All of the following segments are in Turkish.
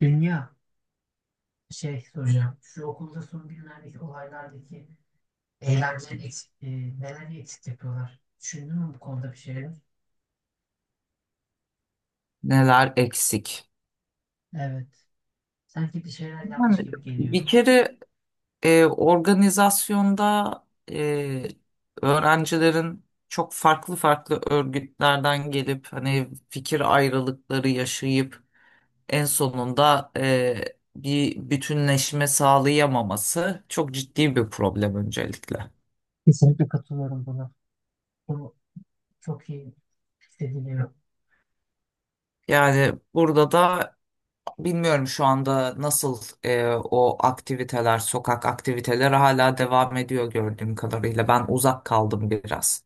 Dünya şey soracağım. Şu okulda son günlerdeki olaylardaki eylemleri eksik, neleri eksik yapıyorlar? Düşündün mü bu konuda bir şeyler? Neler eksik? Evet. Sanki bir şeyler yanlış Yani gibi geliyor. bir kere organizasyonda e, öğrencilerin çok farklı farklı örgütlerden gelip hani fikir ayrılıkları yaşayıp en sonunda bir bütünleşme sağlayamaması çok ciddi bir problem öncelikle. Kesinlikle katılıyorum buna. Bunu çok iyi hissediliyor. Yani burada da bilmiyorum şu anda nasıl, o aktiviteler, sokak aktiviteleri hala devam ediyor gördüğüm kadarıyla. Ben uzak kaldım biraz.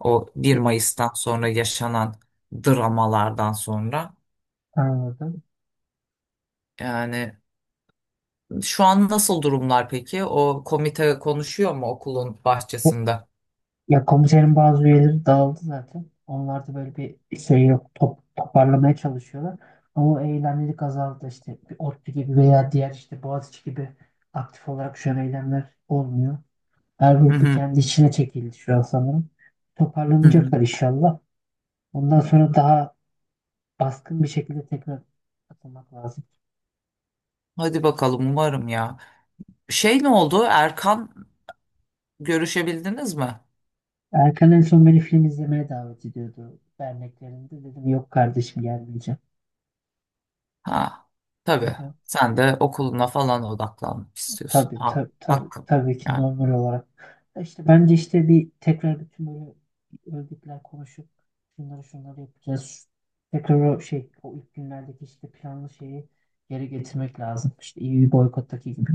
O bir E, Mayıs'tan sonra yaşanan dramalardan sonra. Anladım. Yani şu an nasıl durumlar peki? O komite konuşuyor mu okulun Bu- bahçesinde? Ya komiserin bazı üyeleri dağıldı zaten. Onlar da böyle bir şey yok. Toparlamaya çalışıyorlar. Ama o eylemlilik azaldı işte. Bir ODTÜ gibi veya diğer işte Boğaziçi gibi aktif olarak şu an eylemler olmuyor. Her Hı grup hı. kendi içine çekildi şu an sanırım. Hı hı. Toparlanacaklar inşallah. Ondan sonra daha baskın bir şekilde tekrar atılmak lazım. Hadi bakalım, umarım ya. Şey ne oldu? Erkan görüşebildiniz mi? Erkan en son beni film izlemeye davet ediyordu derneklerinde. Dedim yok kardeşim gelmeyeceğim. Ha, tabii. Sen de okuluna falan odaklanmak istiyorsun. Tabii Ha, tabii tabii, hakkım. tabii ki Yani. normal olarak. Ya İşte bence işte bir tekrar bütün böyle örgütler konuşup şunları şunları yapacağız. Tekrar o şey o ilk günlerdeki işte planlı şeyi geri getirmek lazım. İşte EU boykottaki gibi.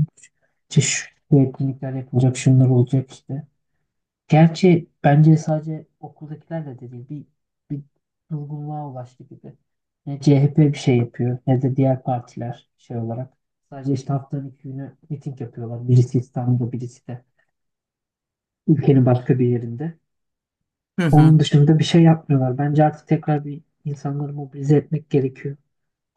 İşte şu etkinlikler yapılacak, şunlar olacak işte. Gerçi bence sadece okuldakilerle de değil bir durgunluğa ulaştı gibi. Ne CHP bir şey yapıyor ne de diğer partiler şey olarak. Sadece işte haftanın iki günü miting yapıyorlar. Birisi İstanbul'da birisi de ülkenin başka bir yerinde. Hı hı. Onun dışında bir şey yapmıyorlar. Bence artık tekrar bir insanları mobilize etmek gerekiyor.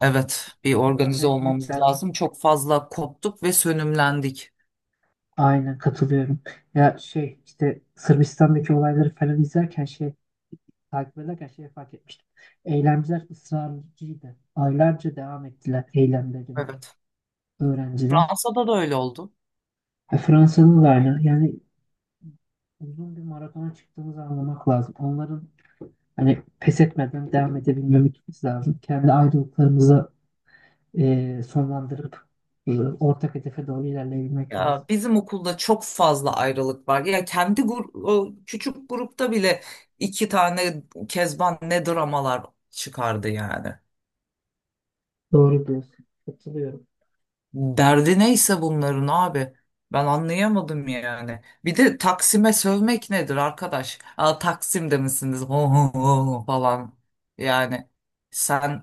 Evet, bir organize Toparlayabilmek olmamız lazım. lazım. Çok fazla koptuk ve sönümlendik. Aynen katılıyorum. Ya şey işte Sırbistan'daki olayları falan izlerken şey takip ederken şeyi fark etmiştim. Eylemciler ısrarcıydı. Aylarca devam ettiler eylemlerine Evet. öğrenciler. Fransa'da da öyle oldu. Fransa'da da aynı. Yani uzun bir maratona çıktığımızı anlamak lazım. Onların hani pes etmeden devam edebilmemiz lazım. Kendi ayrılıklarımızı sonlandırıp ortak hedefe doğru ilerleyebilmek Ya lazım. bizim okulda çok fazla ayrılık var. Ya kendi o küçük grupta bile iki tane Kezban ne dramalar çıkardı yani. Doğru diyorsun. Katılıyorum. Derdi neyse bunların abi. Ben anlayamadım yani. Bir de Taksim'e sövmek nedir arkadaş? Aa, Taksim'de misiniz? Ho, ho, ho falan. Yani sen,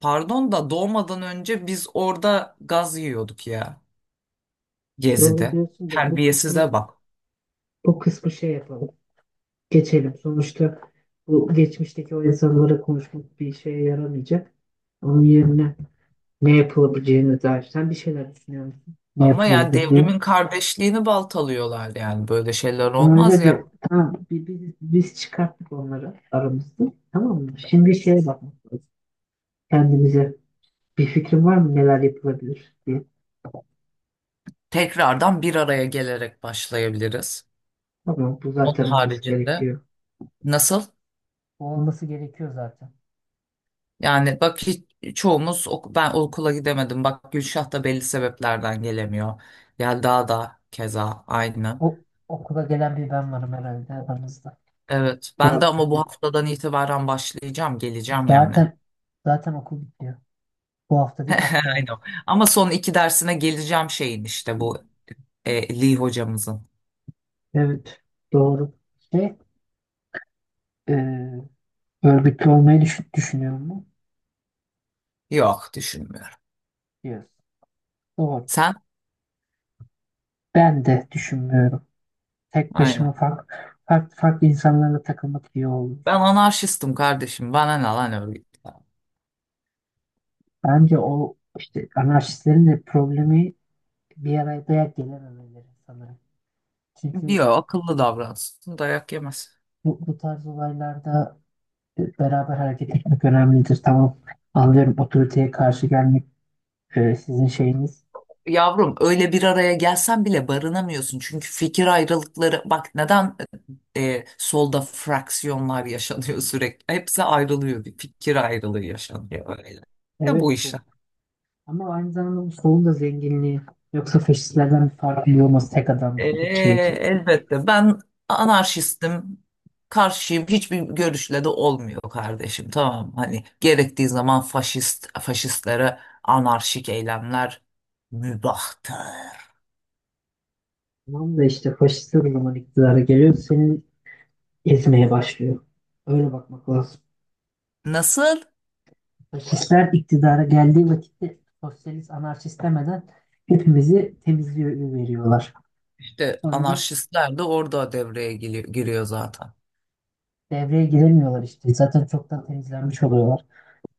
pardon da, doğmadan önce biz orada gaz yiyorduk ya. Doğru Gezi'de. diyorsun da bu Terbiyesize kısmı bak. bu kısmı şey yapalım. Geçelim. Sonuçta bu geçmişteki o insanlara konuşmak bir şeye yaramayacak. Onun yerine ne yapılabileceğine dair sen bir şeyler düşünüyor musun? Ne Ama yani yapılabilir diye. devrimin kardeşliğini baltalıyorlar yani. Böyle şeyler olmaz Öyle ya. de tamam biz çıkarttık onları aramızda. Tamam mı? Şimdi şeye bakmak lazım. Kendimize bir fikrin var mı neler yapılabilir diye. Tekrardan bir araya gelerek başlayabiliriz. Tamam bu Onun zaten olması haricinde. gerekiyor. Nasıl? O olması gerekiyor zaten. Yani bak, hiç, çoğumuz ben okula gidemedim. Bak Gülşah da belli sebeplerden gelemiyor. Yelda da keza aynı. O okula gelen bir ben varım herhalde aramızda. Evet, ben de, Doğru. ama bu haftadan itibaren başlayacağım, geleceğim yani. Zaten zaten okul bitiyor. Bu hafta değil haftaya. Aynen. Ama son iki dersine geleceğim şeyin, işte bu Lee hocamızın. Evet, doğru. Şey, e, örgütlü olmayı düşünüyor mu? Yok, düşünmüyorum. Yes. Doğru. Sen? Ben de düşünmüyorum. Tek başıma Aynen. farklı farklı insanlarla takılmak iyi olur. Ben anarşistim kardeşim. Bana ne lan öyle. Bence o işte anarşistlerin de problemi bir araya dayak gelememeleri sanırım. Çünkü Diyor, akıllı davransın dayak yemez. bu tarz olaylarda beraber hareket etmek önemlidir. Tamam, anlıyorum otoriteye karşı gelmek sizin şeyiniz. Yavrum öyle bir araya gelsen bile barınamıyorsun. Çünkü fikir ayrılıkları, bak neden solda fraksiyonlar yaşanıyor sürekli. Hepsi ayrılıyor, bir fikir ayrılığı yaşanıyor öyle. Ne Evet, bu bu işler? Ama aynı zamanda bu solun da zenginliği yoksa faşistlerden bir farklı olması tek adam, tek şey için. Elbette ben anarşistim. Karşıyım, hiçbir görüşle de olmuyor kardeşim, tamam, hani gerektiği zaman faşist faşistlere anarşik eylemler mübahtır. Tamam da işte faşistler o zaman iktidara geliyor, seni ezmeye başlıyor. Öyle bakmak lazım. Nasıl? Faşistler iktidara geldiği vakitte sosyalist, anarşist demeden hepimizi temizliyor veriyorlar. İşte Sonra anarşistler de orada devreye giriyor, giriyor zaten. devreye girilmiyorlar işte. Zaten çoktan temizlenmiş oluyorlar.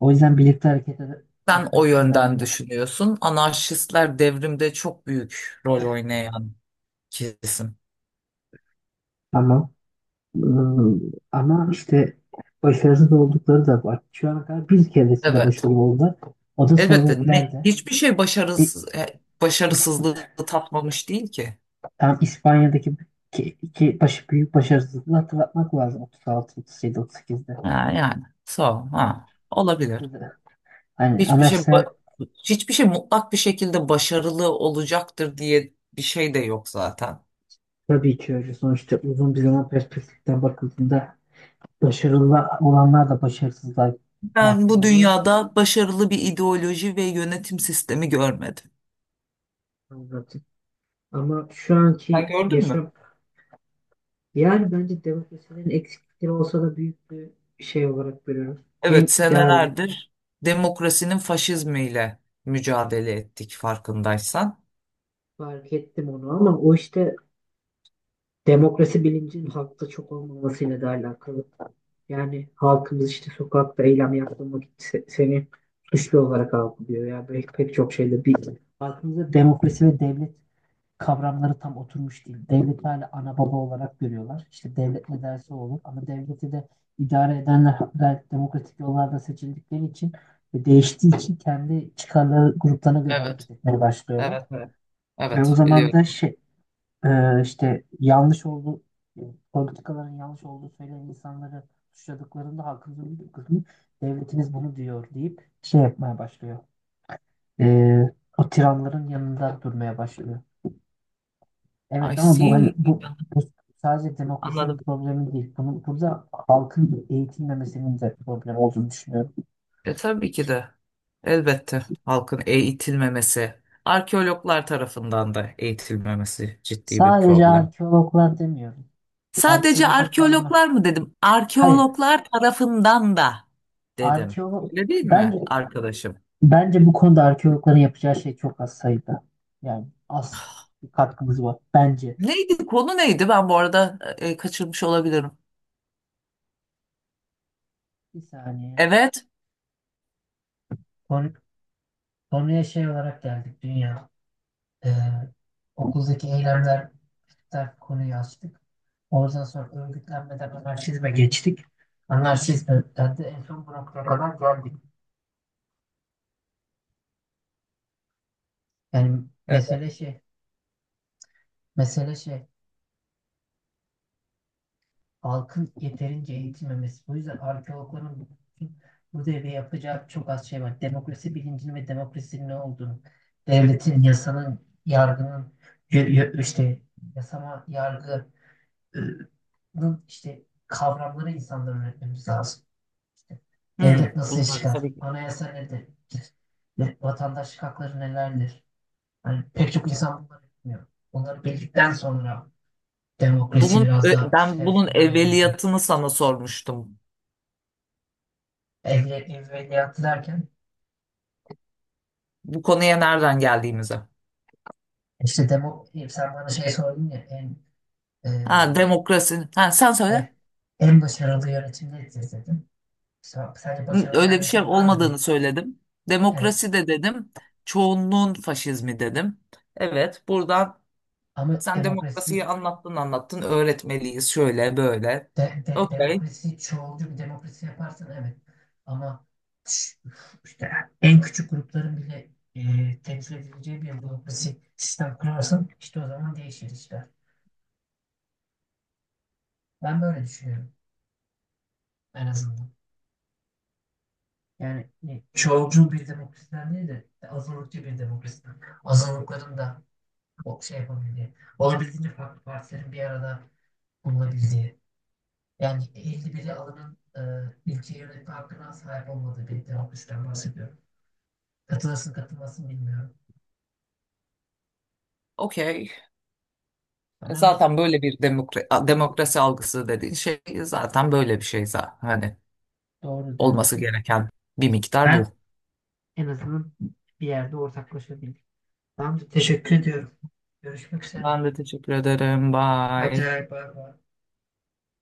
O yüzden birlikte hareket Sen o etmek yönden önemli. düşünüyorsun. Anarşistler devrimde çok büyük rol oynayan kesim. Ama ıı, ama işte başarısız oldukları da var. Şu ana kadar bir keresinde Evet. başarılı oldular. O da Elbette ne Sovyetler'de. hiçbir şey Bir başarısız, başarısızlığı İsp- tatmamış değil ki. tam İspanya'daki iki büyük başarısızlığı hatırlatmak lazım. 36, 37, 38'de. Ha, yani. So, Yani, ha, olabilir. ikisi de- hani Hiçbir şey ba- amaçlar Hiçbir şey mutlak bir şekilde başarılı olacaktır diye bir şey de yok zaten. tabii ki öyle. Sonuçta uzun bir zaman perspektiften bakıldığında başarılı olanlar da başarısızlığa Ben mahkum bu oluyor. dünyada başarılı bir ideoloji ve yönetim sistemi görmedim. Anladım. Ama şu Sen anki gördün mü? yaşam yani bence demokrasinin eksiklikleri olsa da büyük bir şey olarak görüyorum. En Evet, ideali. senelerdir demokrasinin faşizmiyle mücadele ettik, farkındaysan. Fark ettim onu ama o işte demokrasi bilincinin halkta çok olmamasıyla da alakalı. Yani halkımız işte sokakta eylem yaptığın vakit seni suçlu olarak algılıyor. Yani pek çok şeyde bir halkımızda demokrasi ve devlet kavramları tam oturmuş değil. Devleti hala ana baba olarak görüyorlar. İşte devlet ne derse o olur. Ama devleti de idare edenler de demokratik yollarda seçildikleri için ve değiştiği için kendi çıkarları gruplarına göre Evet, hareket etmeye başlıyorlar. evet, evet. Ve o Evet, zaman biliyorum. da şey, işte yanlış olduğu politikaların yanlış olduğu söyleyen insanları suçladıklarında halkımızın bir kısmı devletimiz bunu diyor deyip şey yapmaya başlıyor. E, O tiranların yanında durmaya başlıyor. I Evet ama bu hani see. bu sadece demokrasinin Anladım. problemi değil. Bunun burada halkın eğitilmemesinin de problem olduğunu düşünüyorum. E, tabii ki de. Elbette halkın eğitilmemesi, arkeologlar tarafından da eğitilmemesi ciddi bir Sadece problem. arkeologlar demiyorum. Sadece Arkeoloji bağlama. arkeologlar mı dedim? Hayır, Arkeologlar tarafından da dedim. arkeolog Öyle değil mi bence arkadaşım? bence bu konuda arkeologların yapacağı şey çok az sayıda. Yani az bir katkımız var bence. Neydi konu, neydi? Ben bu arada kaçırmış olabilirim. Bir saniye. Evet. Konu, konuya şey olarak geldik dünya. Ee, Okuldaki eylemler der konuyu açtık. Oradan sonra örgütlenmeden anarşizme geçtik. Anarşizmden de en son bu noktaya kadar geldik. Yani Evet. Mesele şey halkın yeterince eğitilmemesi. Bu yüzden arkeologların bu devre yapacağı çok az şey var. Demokrasi bilincinin ve demokrasinin ne olduğunu, devletin, yasanın, yargının, işte yasama, yargının işte kavramları insanlara öğretmemiz lazım. Hmm, Devlet nasıl iş bunları çıkar? tabii ki. Anayasa nedir? Ve vatandaşlık hakları nelerdir? Yani pek çok insan bunları bilmiyor. Bunları bildikten sonra demokrasi Bunun biraz daha ben bunun işlevsel hale gelecek. evveliyatını sana sormuştum. Evveliyatı derken Bu konuya nereden geldiğimize. işte sen bana şey sordun ya e, Ha, demokrasi. Ha, sen söyle. hayır, en başarılı yönetim nedir dedim. Sence Hı, başarılı bir öyle bir şey yönetim var mı diye. olmadığını söyledim. Evet Demokrasi de dedim. Çoğunluğun faşizmi dedim. Evet, buradan ama sen demokrasiyi demokrasi anlattın anlattın. Öğretmeliyiz şöyle böyle. de, de- Okey. demokrasi çoğulcu bir demokrasi yaparsan evet. Ama ş- işte en küçük grupların bile temsil edileceği bir demokrasi sistem kurarsan işte o zaman değişir işler. Ben böyle düşünüyorum en azından. Yani çoğulcu bir demokrasiden değil de azınlıkçı bir demokrasiden. Azınlıkların da o şey yapabildiği, olabildiğince farklı partilerin bir arada bulunabildiği. Yani 51'i alanın ülke yönetme hakkına sahip olmadığı bir demokrasiden bahsediyorum. Katılırsın katılmasın bilmiyorum. Okey. E, Tamam zaten böyle bir demokrasi algısı dediğin şey zaten böyle bir şey zaten. Hani doğru olması diyorsun. gereken bir miktar Ben bu. en azından bir yerde ortaklaşabildim. Tamamdır teşekkür ediyorum. Görüşmek üzere. Ben de teşekkür ederim. Hadi Bye. bay bay.